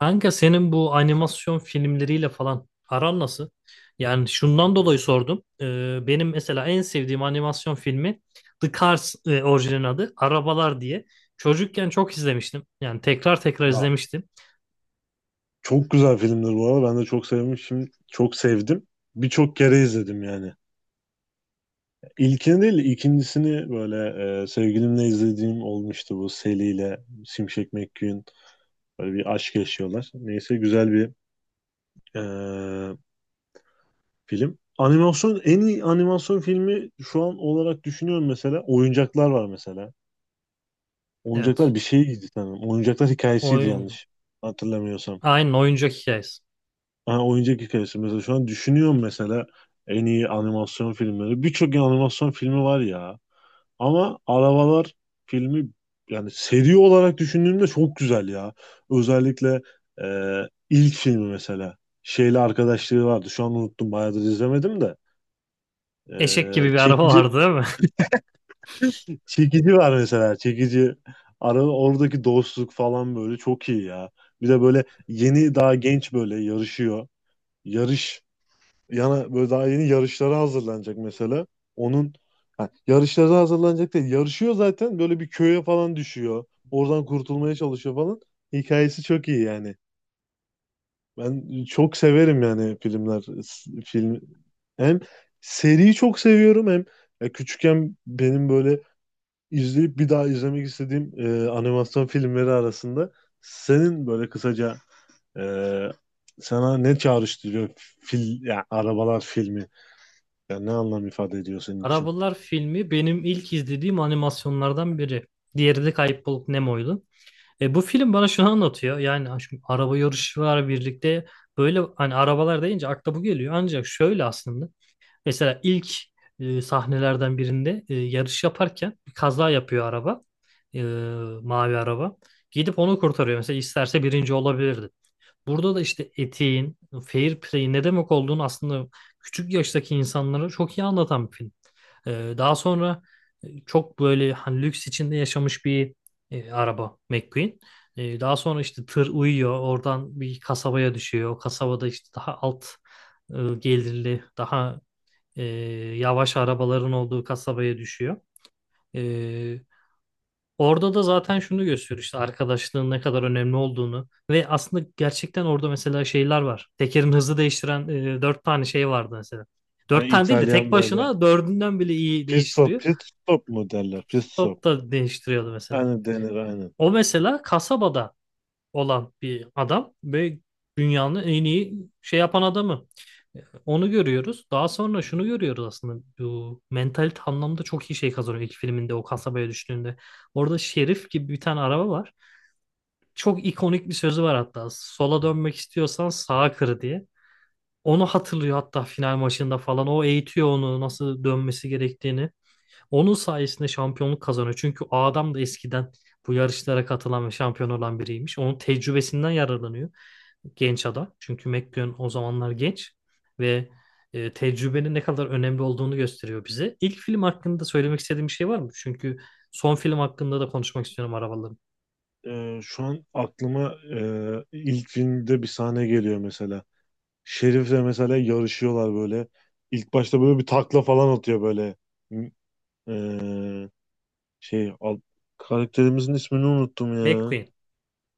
Kanka senin bu animasyon filmleriyle falan aran nasıl? Yani şundan dolayı sordum. Benim mesela en sevdiğim animasyon filmi The Cars orijinalin adı. Arabalar diye. Çocukken çok izlemiştim. Yani tekrar tekrar Ya, izlemiştim. çok güzel filmdir bu arada. Ben de çok sevmişim. Çok sevdim. Birçok kere izledim yani. İlkini değil, ikincisini böyle sevgilimle izlediğim olmuştu, bu Sally ile Şimşek McQueen. Böyle bir aşk yaşıyorlar. Neyse, güzel bir e, film. Animasyon en iyi animasyon filmi şu an olarak düşünüyorum mesela. Oyuncaklar var mesela. Evet. Oyuncaklar bir şeydi sanırım. Oyuncaklar hikayesiydi Oyun, yanlış hatırlamıyorsam. aynen oyuncak hikayesi. Ha, oyuncak hikayesi mesela şu an düşünüyorum mesela en iyi animasyon filmleri. Birçok animasyon filmi var ya. Ama Arabalar filmi yani seri olarak düşündüğümde çok güzel ya. Özellikle e, ilk filmi mesela. Şeyle arkadaşlığı vardı. Şu an unuttum. Bayağıdır izlemedim de. E, Eşek gibi bir araba çekici vardı değil mi? Çekici var mesela. Çekici. Oradaki dostluk falan böyle çok iyi ya. Bir de böyle yeni daha genç böyle yarışıyor. Yarış Yana böyle daha yeni yarışlara hazırlanacak mesela. Onun ha, yarışlara hazırlanacak değil. Yarışıyor zaten, böyle bir köye falan düşüyor. Oradan kurtulmaya çalışıyor falan. Hikayesi çok iyi yani. Ben çok severim yani film, hem seriyi çok seviyorum, hem ya küçükken benim böyle izleyip bir daha izlemek istediğim animasyon filmleri arasında. Senin böyle kısaca e, sana ne çağrıştırıyor ya arabalar filmi? Ya ne anlam ifade ediyor senin için? Arabalar filmi benim ilk izlediğim animasyonlardan biri. Diğeri de Kayıp Balık Nemo'ydu. Bu film bana şunu anlatıyor. Yani ha, şu araba yarışı var birlikte. Böyle hani arabalar deyince akla bu geliyor. Ancak şöyle aslında. Mesela ilk sahnelerden birinde yarış yaparken bir kaza yapıyor araba. E, mavi araba. Gidip onu kurtarıyor. Mesela isterse birinci olabilirdi. Burada da işte etiğin, fair play'in ne demek olduğunu aslında küçük yaştaki insanlara çok iyi anlatan bir film. Daha sonra çok böyle hani lüks içinde yaşamış bir araba McQueen. Daha sonra işte tır uyuyor, oradan bir kasabaya düşüyor. O kasabada işte daha alt gelirli, daha e, yavaş arabaların olduğu kasabaya düşüyor. Ee, orada da zaten şunu gösteriyor işte arkadaşlığın ne kadar önemli olduğunu ve aslında gerçekten orada mesela şeyler var. Tekerin hızı değiştiren dört tane şey vardı mesela. Yani Dört tane değil de tek İtalyan böyle başına dördünden bile iyi değiştiriyor. pit stop mu derler? Pit stop. Top da değiştiriyordu mesela. Yani denir, aynen. O mesela kasabada olan bir adam ve dünyanın en iyi şey yapan adamı. E, Onu görüyoruz. Daha sonra şunu görüyoruz aslında. Bu mentalite anlamda çok iyi şey kazanıyor ilk filminde o kasabaya düştüğünde. Orada Şerif gibi bir tane araba var. Çok ikonik bir sözü var hatta. Sola dönmek istiyorsan sağa kır diye. Onu hatırlıyor hatta final maçında falan. O eğitiyor onu nasıl dönmesi gerektiğini. Onun sayesinde şampiyonluk kazanıyor. Çünkü o adam da eskiden bu yarışlara katılan ve şampiyon olan biriymiş. Onun tecrübesinden yararlanıyor genç adam. Çünkü McLaren o zamanlar genç ve tecrübenin ne kadar önemli olduğunu gösteriyor bize. İlk film hakkında söylemek istediğim bir şey var mı? Çünkü son film hakkında da konuşmak istiyorum arabaların. Şu an aklıma ilk filmde bir sahne geliyor mesela. Şerif'le mesela yarışıyorlar böyle. İlk başta böyle bir takla falan atıyor böyle. E, Şey al, karakterimizin ismini unuttum ya. McQueen.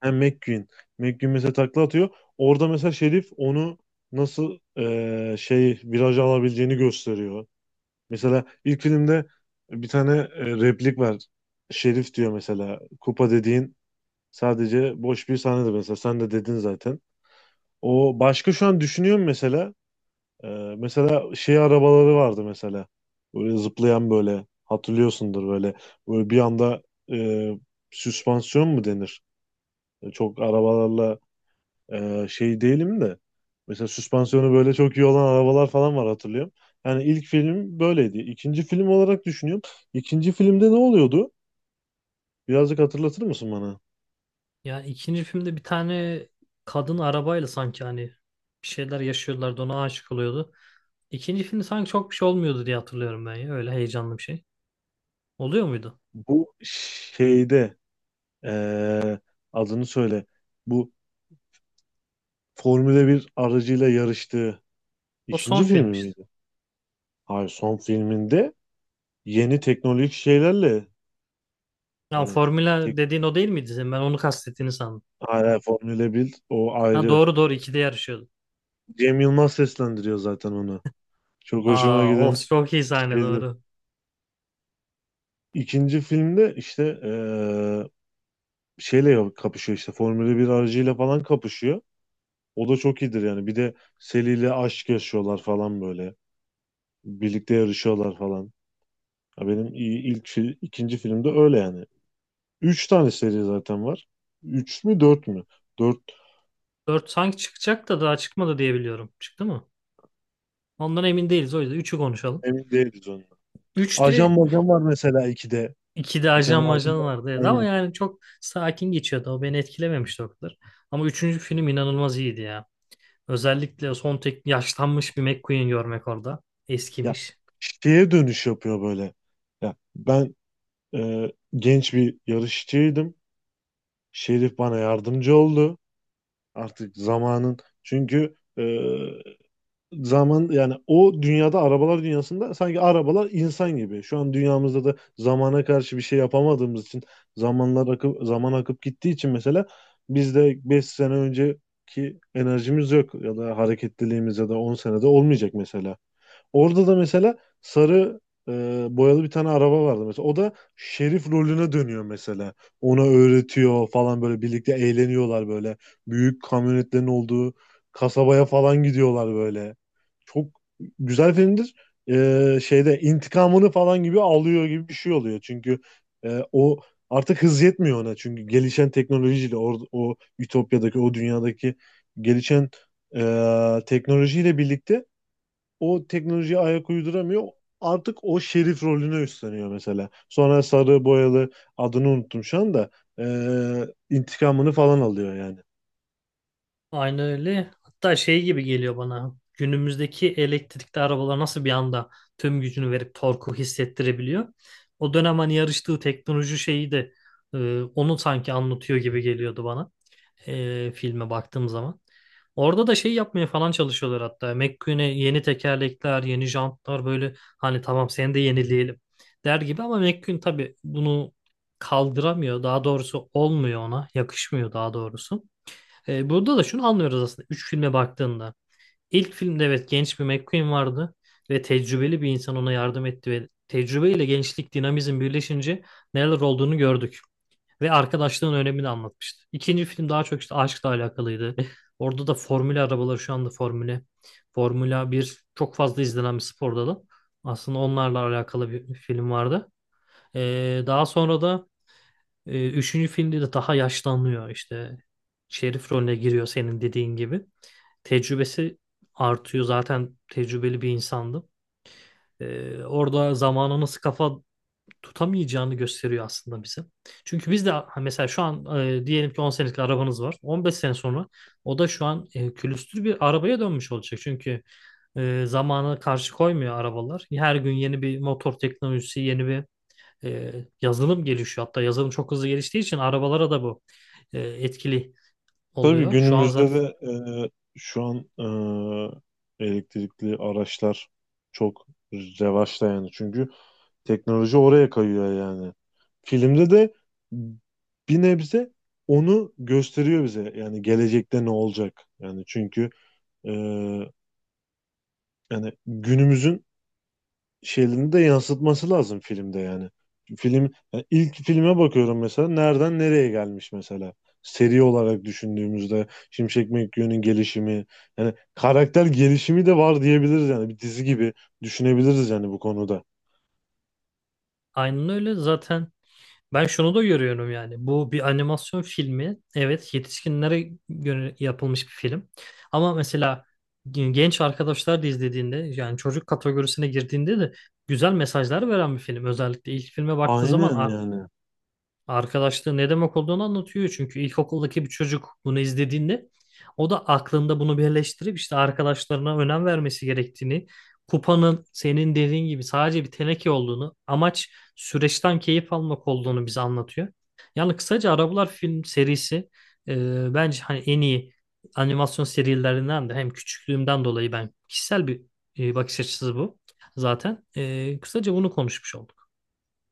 Ha, McQueen. McQueen mesela takla atıyor. Orada mesela Şerif onu nasıl şey, viraj alabileceğini gösteriyor. Mesela ilk filmde bir tane replik var. Şerif diyor mesela. Kupa dediğin sadece boş bir sahnedir mesela. Sen de dedin zaten. O başka, şu an düşünüyorum mesela. Ee, mesela şey arabaları vardı mesela. Böyle zıplayan böyle, hatırlıyorsundur böyle. Böyle bir anda e, süspansiyon mu denir? Çok arabalarla şey değilim de. Mesela süspansiyonu böyle çok iyi olan arabalar falan var, hatırlıyorum. Yani ilk film böyleydi. İkinci film olarak düşünüyorum. İkinci filmde ne oluyordu? Birazcık hatırlatır mısın bana? Ya ikinci filmde bir tane kadın arabayla sanki hani bir şeyler yaşıyorlardı ona aşık oluyordu. İkinci filmde sanki çok bir şey olmuyordu diye hatırlıyorum ben ya. Öyle heyecanlı bir şey. Oluyor muydu? Bu şeyde e, adını söyle. Bu Formula bir aracıyla yarıştığı O son ikinci film filmi işte. miydi? Hayır, son filminde yeni teknolojik şeylerle, Ya hani Formula tek, dediğin o değil miydi senin? Ben onu kastettiğini sandım. hala Formula 1, o Ha ayrı. doğru doğru ikide yarışıyordu. Cem Yılmaz seslendiriyor zaten onu. Çok hoşuma Aa, o giden çok iyi sahne şeydir. doğru. İkinci filmde işte şeyle kapışıyor, işte Formula bir aracıyla falan kapışıyor. O da çok iyidir yani. Bir de Sally ile aşk yaşıyorlar falan böyle. Birlikte yarışıyorlar falan. Ya benim iyi- ilk fi- ikinci filmde öyle yani. Üç tane seri zaten var. Üç mü dört mü? Dört, 4 sanki çıkacak da daha çıkmadı diye biliyorum. Çıktı mı? Ondan emin değiliz, o yüzden üçü konuşalım. emin değiliz onu. Ajan 3'te majan var mesela 2'de. 2'de Bir tane ajan ajan majan var. vardı, evet. Ama Aynen. yani çok sakin geçiyordu. O beni etkilememişti o kadar. Ama üçüncü film inanılmaz iyiydi ya. Özellikle son tek yaşlanmış bir McQueen görmek orada. Ya, Eskimiş. şeye dönüş yapıyor böyle. Ya ben genç bir yarışçıydım. Şerif bana yardımcı oldu. Artık zamanın, çünkü zaman, yani o dünyada, arabalar dünyasında sanki arabalar insan gibi. Şu an dünyamızda da zamana karşı bir şey yapamadığımız için, zamanlar akıp, zaman akıp gittiği için mesela bizde 5 sene önceki enerjimiz yok ya da hareketliliğimiz, ya da 10 senede olmayacak mesela. Orada da mesela sarı e, boyalı bir tane araba vardı mesela. O da şerif rolüne dönüyor mesela. Ona öğretiyor falan böyle, birlikte eğleniyorlar böyle. Büyük kamyonetlerin olduğu kasabaya falan gidiyorlar böyle. Çok güzel filmdir. Şeyde intikamını falan gibi alıyor gibi bir şey oluyor. Çünkü o, artık hız yetmiyor ona. Çünkü gelişen teknolojiyle o Ütopya'daki o dünyadaki gelişen teknolojiyle birlikte o teknolojiye ayak uyduramıyor. Artık o şerif rolüne üstleniyor mesela. Sonra sarı boyalı, adını unuttum şu anda. İntikamını falan alıyor yani. Aynı öyle. Hatta şey gibi geliyor bana. Günümüzdeki elektrikli arabalar nasıl bir anda tüm gücünü verip torku hissettirebiliyor. O dönem hani yarıştığı teknoloji şeyi de onu sanki anlatıyor gibi geliyordu bana filme baktığım zaman. Orada da şey yapmaya falan çalışıyorlar hatta. McQueen'e yeni tekerlekler, yeni jantlar böyle hani tamam seni de yenileyelim der gibi ama McQueen tabii bunu kaldıramıyor. Daha doğrusu olmuyor ona, yakışmıyor daha doğrusu. Burada da şunu anlıyoruz aslında üç filme baktığında. İlk filmde evet genç bir McQueen vardı ve tecrübeli bir insan ona yardım etti ve tecrübeyle gençlik dinamizm birleşince neler olduğunu gördük ve arkadaşlığın önemini anlatmıştı. İkinci film daha çok işte aşkla alakalıydı. Orada da formül arabaları şu anda formüle Formula bir çok fazla izlenen bir spor dalı. Aslında onlarla alakalı bir film vardı. Daha sonra da üçüncü filmde de daha yaşlanıyor işte şerif rolüne giriyor senin dediğin gibi. Tecrübesi artıyor. Zaten tecrübeli bir insandı. Orada zamana nasıl kafa tutamayacağını gösteriyor aslında bize. Çünkü biz de ha, mesela şu an diyelim ki 10 senelik arabanız var. 15 sene sonra o da şu an külüstür bir arabaya dönmüş olacak. Çünkü zamana karşı koymuyor arabalar. Her gün yeni bir motor teknolojisi, yeni bir e, yazılım gelişiyor. Hatta yazılım çok hızlı geliştiği için arabalara da bu etkili Tabii oluyor. Şu an günümüzde zaten de e, şu an elektrikli araçlar çok revaçta yani. Çünkü teknoloji oraya kayıyor yani. Filmde de bir nebze onu gösteriyor bize. Yani gelecekte ne olacak? Yani çünkü e, yani günümüzün şeylerini de yansıtması lazım filmde yani. Film, yani ilk filme bakıyorum mesela, nereden nereye gelmiş mesela. Seri olarak düşündüğümüzde Şimşek McQueen'in gelişimi, yani karakter gelişimi de var diyebiliriz yani, bir dizi gibi düşünebiliriz yani bu konuda. aynen öyle. Zaten ben şunu da görüyorum yani. Bu bir animasyon filmi. Evet, yetişkinlere göre yapılmış bir film. Ama mesela genç arkadaşlar da izlediğinde yani çocuk kategorisine girdiğinde de güzel mesajlar veren bir film. Özellikle ilk filme baktığın zaman Aynen yani. arkadaşlığı ne demek olduğunu anlatıyor. Çünkü ilkokuldaki bir çocuk bunu izlediğinde o da aklında bunu birleştirip işte arkadaşlarına önem vermesi gerektiğini, kupanın senin dediğin gibi sadece bir teneke olduğunu, amaç süreçten keyif almak olduğunu bize anlatıyor. Yani kısaca Arabalar film serisi bence hani en iyi animasyon serilerinden de hem küçüklüğümden dolayı ben kişisel bir bakış açısı bu zaten. Kısaca bunu konuşmuş olduk.